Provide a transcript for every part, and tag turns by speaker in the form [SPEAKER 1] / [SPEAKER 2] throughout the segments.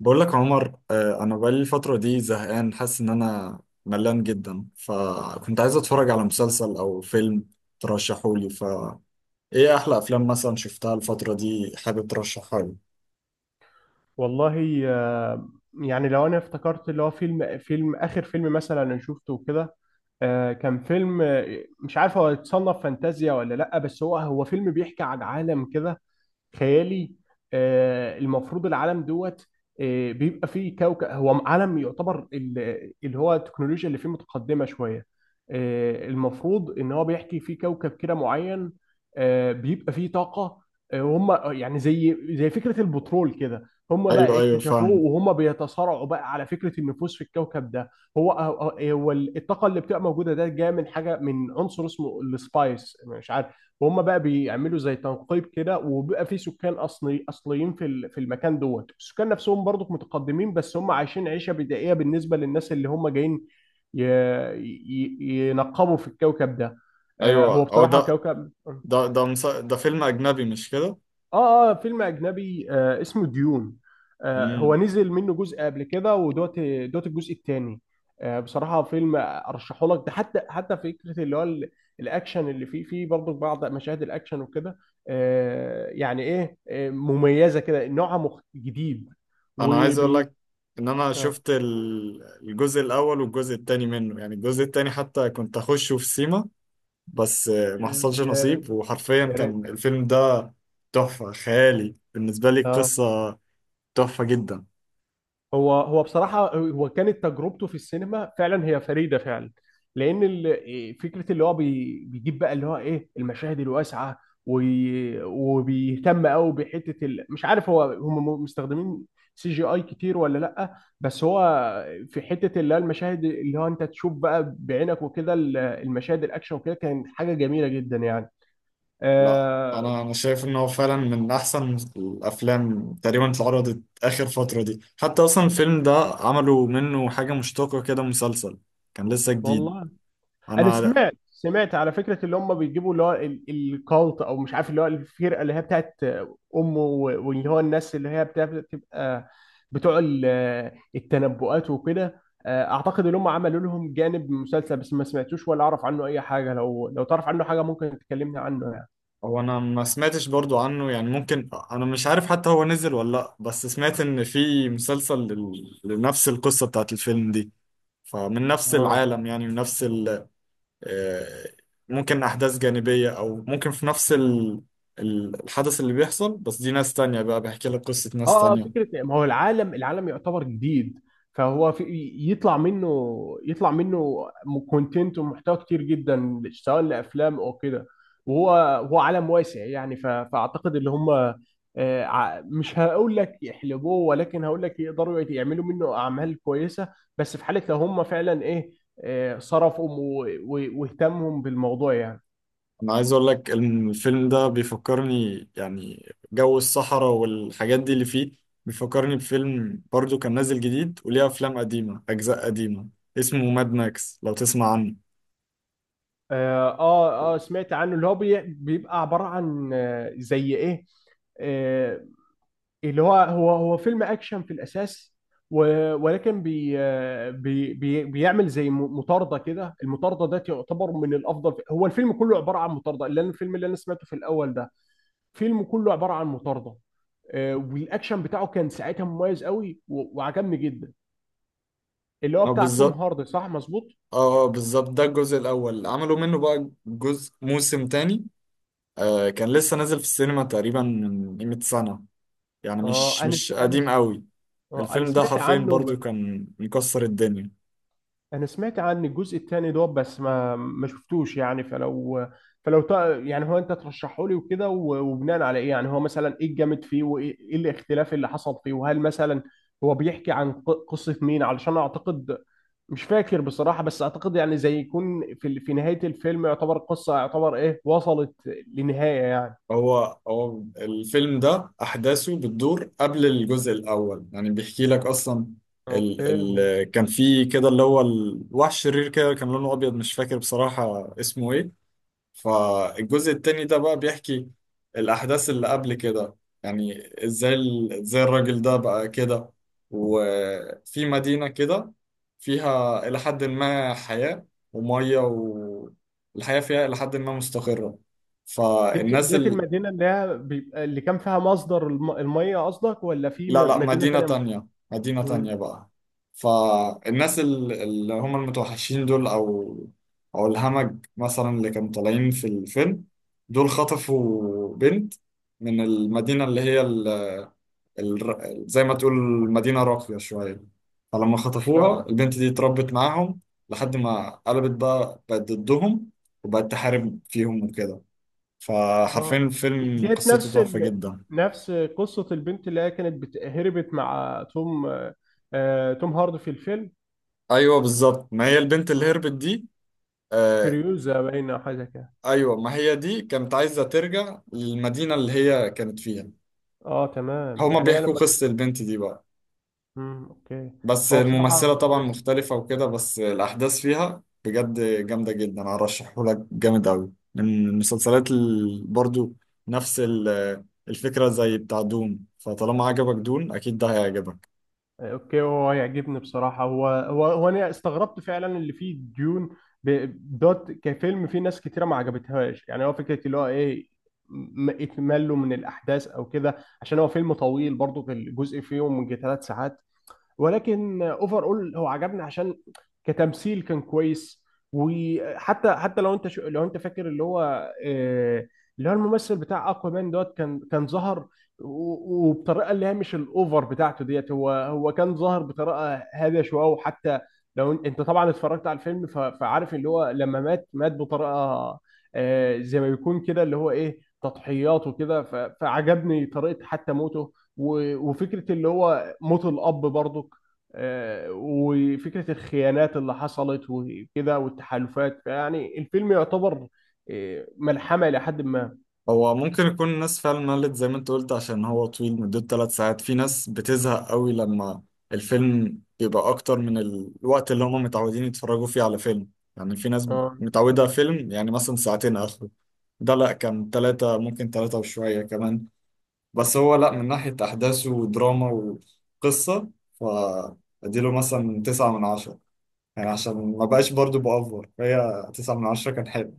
[SPEAKER 1] بقول لك عمر آه، انا بقالي الفتره دي زهقان، حاسس ان انا ملان جدا، فكنت عايز اتفرج على مسلسل او فيلم ترشحولي ف ايه احلى افلام مثلا شفتها الفتره دي حابب ترشحها لي؟
[SPEAKER 2] والله، يعني لو انا افتكرت اللي هو فيلم اخر فيلم مثلا انا شفته كده. كان فيلم، مش عارف هو يتصنف فانتازيا ولا لا، بس هو فيلم بيحكي عن عالم كده خيالي. المفروض العالم، دوت آه، بيبقى فيه كوكب، هو عالم يعتبر اللي هو التكنولوجيا اللي فيه متقدمة شوية. المفروض ان هو بيحكي فيه كوكب كده معين. بيبقى فيه طاقة. هم يعني زي فكرة البترول كده، هم بقى
[SPEAKER 1] ايوه ايوه
[SPEAKER 2] اكتشفوه
[SPEAKER 1] فاهم.
[SPEAKER 2] وهم بيتصارعوا بقى على فكرة النفوذ في الكوكب ده. هو الطاقة اللي بتبقى موجودة ده جاية من حاجة، من عنصر اسمه السبايس، مش عارف. وهم بقى بيعملوا زي تنقيب كده، وبيبقى في سكان اصليين في في المكان. السكان نفسهم برضو متقدمين، بس هم عايشين عيشه بدائيه بالنسبه للناس اللي هم جايين ي- ينقبوا في الكوكب ده. هو
[SPEAKER 1] ايوه او ده
[SPEAKER 2] بصراحه كوكب.
[SPEAKER 1] ده ده مس... ده فيلم اجنبي مش كده؟
[SPEAKER 2] اه، اه، فيلم اجنبي، اسمه ديون. هو
[SPEAKER 1] امم.
[SPEAKER 2] نزل منه جزء قبل كده. ودوت دوت الجزء الثاني. بصراحه فيلم ارشحه لك ده. حتى فكره اللي هو الاكشن اللي فيه برضه بعض مشاهد الاكشن وكده. يعني ايه، مميزه كده، نوعها جديد
[SPEAKER 1] انا عايز اقول
[SPEAKER 2] وبي
[SPEAKER 1] لك ان انا
[SPEAKER 2] اه.
[SPEAKER 1] شفت الجزء الاول والجزء التاني منه، يعني الجزء التاني حتى كنت اخشه في سيما، بس ما
[SPEAKER 2] آه،
[SPEAKER 1] حصلش
[SPEAKER 2] يا
[SPEAKER 1] نصيب. وحرفيا
[SPEAKER 2] يا ريت.
[SPEAKER 1] كان الفيلم ده تحفة خيالي، بالنسبة لي
[SPEAKER 2] اه.
[SPEAKER 1] قصة تحفة جدا.
[SPEAKER 2] هو بصراحة، هو كانت تجربته في السينما فعلا هي فريدة فعلا. لأن فكرة اللي هو بيجيب بقى اللي هو إيه المشاهد الواسعة. وبيهتم قوي بحتة مش عارف هو هم مستخدمين سي جي اي كتير ولا لأ، بس هو في حتة اللي هو المشاهد اللي هو أنت تشوف بقى بعينك وكده، المشاهد الأكشن وكده، كانت حاجة جميلة جدا يعني.
[SPEAKER 1] لا
[SPEAKER 2] أه.
[SPEAKER 1] أنا شايف إن هو فعلا من أحسن الأفلام تقريبا اللي اتعرضت آخر فترة دي، حتى أصلا الفيلم ده عملوا منه حاجة مشتقة كده، مسلسل كان لسه جديد.
[SPEAKER 2] والله، انا
[SPEAKER 1] أنا
[SPEAKER 2] سمعت على فكره اللي هم بيجيبوا اللي هو الكالت او مش عارف، اللي هو الفرقه اللي هي بتاعت امه، واللي هو الناس اللي هي بتبقى بتوع التنبؤات وكده. اعتقد ان هم عملوا لهم جانب مسلسل، بس ما سمعتوش ولا اعرف عنه اي حاجه. لو تعرف عنه حاجه ممكن تكلمني عنه يعني.
[SPEAKER 1] هو أنا ما سمعتش برضو عنه، يعني ممكن أنا مش عارف حتى هو نزل ولا لأ، بس سمعت إن في مسلسل لنفس القصة بتاعت الفيلم دي، فمن نفس
[SPEAKER 2] اه.
[SPEAKER 1] العالم، يعني من نفس آه، ممكن أحداث جانبية، أو ممكن في نفس الحدث اللي بيحصل، بس دي ناس تانية بقى، بحكي لك قصة ناس
[SPEAKER 2] اه
[SPEAKER 1] تانية.
[SPEAKER 2] فكره، ما هو العالم يعتبر جديد. فهو في، يطلع منه، يطلع منه كونتنت ومحتوى كتير جدا سواء لافلام او كده. وهو، هو عالم واسع يعني. فاعتقد اللي هم مش هقول لك يحلبوه، ولكن هقول لك يقدروا يعملوا منه اعمال كويسه، بس في حاله لو هم فعلا ايه، صرفوا واهتموا بالموضوع يعني.
[SPEAKER 1] أنا عايز أقول لك الفيلم ده بيفكرني يعني جو الصحراء والحاجات دي اللي فيه، بيفكرني بفيلم برضو كان نازل جديد، وليه أفلام قديمة، أجزاء قديمة، اسمه ماد ماكس، لو تسمع عنه.
[SPEAKER 2] اه، اه. سمعت عنه. اللي هو بيبقى عباره عن زي ايه، آه، اللي هو هو فيلم اكشن في الاساس، ولكن بي بي بي بيعمل زي مطارده كده. المطارده ده تعتبر من الافضل. هو الفيلم كله عباره عن مطارده. الفيلم اللي انا سمعته في الاول ده فيلم كله عباره عن مطارده. والاكشن بتاعه كان ساعتها مميز قوي وعجبني جدا، اللي هو
[SPEAKER 1] اه
[SPEAKER 2] بتاع توم
[SPEAKER 1] بالظبط.
[SPEAKER 2] هاردي، صح، مظبوط.
[SPEAKER 1] اه، بالظبط، ده الجزء الأول عملوا منه بقى جزء موسم تاني. آه كان لسه نازل في السينما تقريبا من قيمة سنة، يعني
[SPEAKER 2] اه.
[SPEAKER 1] مش
[SPEAKER 2] انا
[SPEAKER 1] مش
[SPEAKER 2] انا
[SPEAKER 1] قديم قوي.
[SPEAKER 2] انا
[SPEAKER 1] الفيلم ده
[SPEAKER 2] سمعت
[SPEAKER 1] حرفيا
[SPEAKER 2] عنه.
[SPEAKER 1] برضو كان مكسر الدنيا.
[SPEAKER 2] انا سمعت عن الجزء الثاني، بس ما شفتوش يعني. فلو يعني هو انت ترشحه لي وكده وبناء على ايه؟ يعني هو مثلا ايه الجامد فيه، وايه الاختلاف اللي حصل فيه، وهل مثلا هو بيحكي عن قصة مين، علشان اعتقد، مش فاكر بصراحة، بس اعتقد يعني زي يكون في في نهاية الفيلم، يعتبر قصة، يعتبر ايه، وصلت لنهاية يعني.
[SPEAKER 1] هو الفيلم ده أحداثه بتدور قبل الجزء الأول، يعني بيحكي لك أصلا
[SPEAKER 2] اوكي.
[SPEAKER 1] ال كان في كده اللي هو الوحش الشرير كده، كان لونه أبيض، مش فاكر بصراحة اسمه إيه. فالجزء التاني ده بقى بيحكي الأحداث اللي قبل كده، يعني ازاي الراجل ده بقى كده، وفي مدينة كده فيها إلى حد ما حياة ومية، والحياة فيها إلى حد ما مستقرة،
[SPEAKER 2] ديت
[SPEAKER 1] فالناس.
[SPEAKER 2] ديت المدينة اللي هي بيبقى اللي كان فيها مصدر المية قصدك، ولا في
[SPEAKER 1] لا
[SPEAKER 2] مدينة
[SPEAKER 1] مدينة
[SPEAKER 2] تانية؟
[SPEAKER 1] تانية، مدينة تانية
[SPEAKER 2] امم
[SPEAKER 1] بقى. فالناس اللي هم المتوحشين دول، أو أو الهمج مثلا، اللي كانوا طالعين في الفيلم دول، خطفوا بنت من المدينة اللي هي ال ال زي ما تقول مدينة راقية شوية. فلما خطفوها
[SPEAKER 2] اه،
[SPEAKER 1] البنت دي اتربت معاهم، لحد ما قلبت بقى، بقت ضدهم وبقت تحارب فيهم وكده. فحرفيا
[SPEAKER 2] اه.
[SPEAKER 1] الفيلم قصته
[SPEAKER 2] نفس
[SPEAKER 1] تحفة جدا.
[SPEAKER 2] نفس قصة البنت اللي هي هربت مع توم، توم هاردي في الفيلم.
[SPEAKER 1] ايوه بالظبط، ما هي البنت اللي
[SPEAKER 2] آه.
[SPEAKER 1] هربت دي. آه
[SPEAKER 2] فريوزا باينة أو حاجة كده.
[SPEAKER 1] ايوه، ما هي دي كانت عايزه ترجع للمدينه اللي هي كانت فيها.
[SPEAKER 2] اه تمام،
[SPEAKER 1] هما
[SPEAKER 2] يعني هي
[SPEAKER 1] بيحكوا
[SPEAKER 2] لما...
[SPEAKER 1] قصه البنت دي بقى.
[SPEAKER 2] مم. اوكي.
[SPEAKER 1] بس
[SPEAKER 2] هو بصراحة
[SPEAKER 1] الممثله طبعا
[SPEAKER 2] مدرس.
[SPEAKER 1] مختلفه وكده، بس الاحداث فيها بجد جامده جدا، ارشحه لك جامد قوي. من المسلسلات برضو نفس الفكره زي بتاع دون، فطالما عجبك دون اكيد ده هيعجبك.
[SPEAKER 2] اوكي. هو يعجبني بصراحة. هو انا استغربت فعلا اللي فيه ديون، ب... كفيلم فيه ناس كتيرة ما عجبتهاش يعني. هو فكرة اللي هو ايه، اكماله من الاحداث او كده. عشان هو فيلم طويل برضو، في الجزء فيهم من 3 ساعات، ولكن اوفر اول هو عجبني عشان كتمثيل كان كويس. وحتى لو انت لو انت فاكر اللي هو اللي هو الممثل بتاع اكوامان، كان ظهر وبطريقه اللي هي مش الاوفر بتاعته. هو كان ظاهر بطريقه هاديه شويه. وحتى لو انت طبعا اتفرجت على الفيلم، فعارف اللي هو لما مات بطريقه، زي ما بيكون كده، اللي هو ايه، تضحيات وكده. فعجبني طريقه حتى موته، وفكره اللي هو موت الاب برضه. وفكرة الخيانات اللي حصلت وكده، والتحالفات. يعني الفيلم يعتبر ملحمة إلى حد ما.
[SPEAKER 1] هو ممكن يكون الناس فعلا ملت زي ما انت قلت، عشان هو طويل مدته 3 ساعات، في ناس بتزهق قوي لما الفيلم بيبقى اكتر من الوقت اللي هم متعودين يتفرجوا فيه على فيلم، يعني في ناس
[SPEAKER 2] اه،
[SPEAKER 1] متعودة فيلم يعني مثلا ساعتين اخره. ده لا، كان ثلاثة، ممكن ثلاثة وشوية كمان. بس هو لا، من ناحية احداثه ودراما وقصة فاديله مثلا 9 من 10، يعني عشان ما بقاش برضو بأفور، فهي 9 من 10 كان حلو.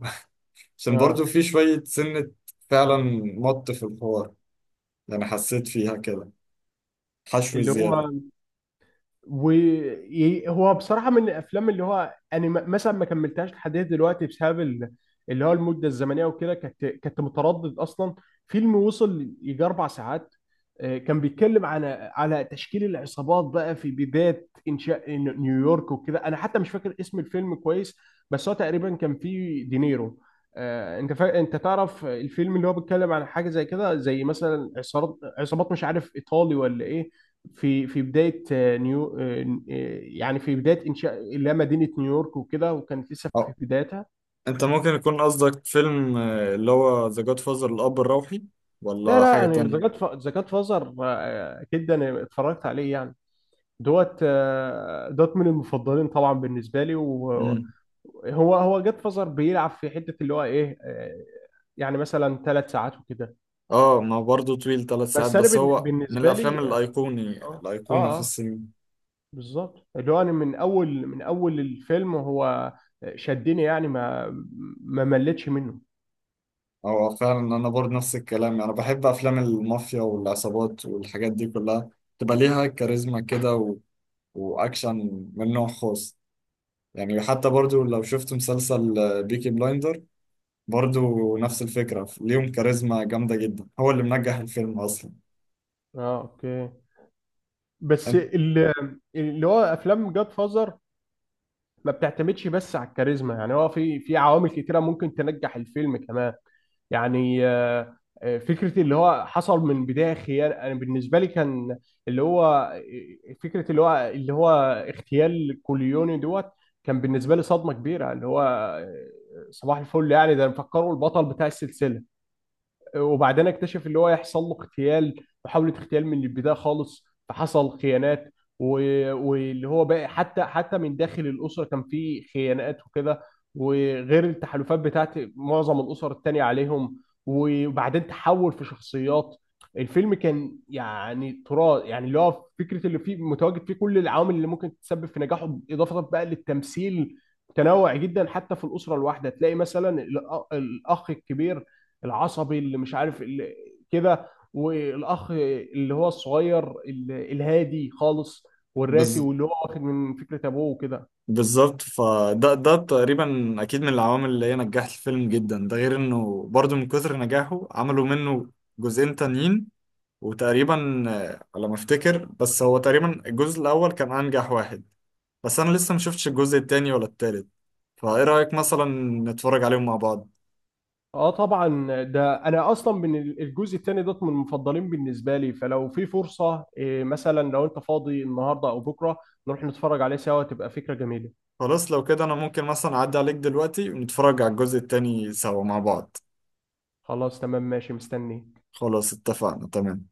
[SPEAKER 2] اه.
[SPEAKER 1] عشان برضو في شوية سنة فعلا، مط في الحوار يعني، حسيت فيها كده حشو
[SPEAKER 2] اللي
[SPEAKER 1] زيادة.
[SPEAKER 2] هو وهو بصراحة من الأفلام اللي هو أنا مثلا ما كملتهاش لحد دلوقتي بسبب اللي هو المدة الزمنية وكده. كنت متردد أصلا. فيلم وصل يجي 4 ساعات. كان بيتكلم على تشكيل العصابات بقى في بداية إنشاء نيويورك وكده. أنا حتى مش فاكر اسم الفيلم كويس، بس هو تقريبا كان فيه دينيرو. انت تعرف الفيلم اللي هو بيتكلم عن حاجه زي كده، زي مثلا عصابات مش عارف ايطالي ولا ايه، في بداية نيو آه، يعني في بداية إنشاء اللي هي مدينة نيويورك وكده، وكانت لسه في
[SPEAKER 1] اه،
[SPEAKER 2] بدايتها.
[SPEAKER 1] انت ممكن يكون قصدك فيلم اللي هو ذا جاد فازر، الأب الروحي،
[SPEAKER 2] لا،
[SPEAKER 1] ولا
[SPEAKER 2] لا،
[SPEAKER 1] حاجة
[SPEAKER 2] أنا
[SPEAKER 1] تانية؟
[SPEAKER 2] ذا جاد فازر أكيد أنا اتفرجت عليه يعني. من المفضلين طبعا بالنسبة لي. وهو
[SPEAKER 1] امم.
[SPEAKER 2] هو جاد فازر بيلعب في حتة اللي هو إيه، يعني مثلا ثلاث ساعات وكده.
[SPEAKER 1] اه، ما هو برضو طويل، 3 ساعات،
[SPEAKER 2] بس أنا
[SPEAKER 1] بس هو من
[SPEAKER 2] بالنسبة
[SPEAKER 1] الأفلام
[SPEAKER 2] لي،
[SPEAKER 1] الأيقوني
[SPEAKER 2] آه
[SPEAKER 1] الأيقونة في
[SPEAKER 2] آه
[SPEAKER 1] السينما.
[SPEAKER 2] بالظبط، اللي هو انا من اول الفيلم هو شدني يعني. ما مليتش منه.
[SPEAKER 1] هو فعلا أنا برضو نفس الكلام، أنا بحب أفلام المافيا والعصابات والحاجات دي كلها، تبقى ليها كاريزما كده، و... وأكشن من نوع خاص. يعني حتى برضو لو شفت مسلسل بيكي بلايندر، برضو نفس الفكرة، ليهم كاريزما جامدة جدا، هو اللي منجح الفيلم أصلا.
[SPEAKER 2] اه، اوكي. بس
[SPEAKER 1] أنت-
[SPEAKER 2] اللي هو افلام جاد فازر ما بتعتمدش بس على الكاريزما يعني. هو في عوامل كتيره ممكن تنجح الفيلم كمان يعني. فكرة اللي هو حصل من بداية خيانة أنا بالنسبة لي كان اللي هو فكرة اللي هو اغتيال كوليوني، كان بالنسبة لي صدمة كبيرة. اللي هو صباح الفل يعني، ده مفكره البطل بتاع السلسلة. وبعدين اكتشف اللي هو يحصل له اغتيال، محاولة اغتيال من البداية خالص. فحصل خيانات واللي هو بقى، حتى من داخل الأسرة كان في خيانات وكده، وغير التحالفات بتاعت معظم الأسر التانية عليهم. وبعدين تحول في شخصيات. الفيلم كان يعني تراث يعني، اللي هو فكرة اللي فيه متواجد فيه كل العوامل اللي ممكن تسبب في نجاحه، إضافة بقى للتمثيل متنوع جدا. حتى في الأسرة الواحدة تلاقي مثلا الأخ الكبير العصبي اللي مش عارف اللي كده، والاخ اللي هو الصغير الهادي خالص والراسي،
[SPEAKER 1] بز...
[SPEAKER 2] واللي هو واخد من فكرة ابوه وكده.
[SPEAKER 1] بالظبط، فده تقريبا أكيد من العوامل اللي هي نجحت الفيلم جدا، ده غير إنه برضو من كثر نجاحه عملوا منه جزئين تانيين. وتقريبا على ما أفتكر، بس هو تقريبا الجزء الأول كان أنجح واحد. بس أنا لسه ما شفتش الجزء التاني ولا التالت، فإيه رأيك مثلا نتفرج عليهم مع بعض؟
[SPEAKER 2] اه طبعا. ده انا اصلا من الجزء الثاني، من المفضلين بالنسبه لي. فلو في فرصه، مثلا لو انت فاضي النهارده او بكره نروح نتفرج عليه سوا، تبقى فكره جميله.
[SPEAKER 1] خلاص لو كده انا ممكن مثلا اعدي عليك دلوقتي ونتفرج على الجزء التاني سوا مع بعض.
[SPEAKER 2] خلاص تمام ماشي، مستني.
[SPEAKER 1] خلاص اتفقنا، تمام.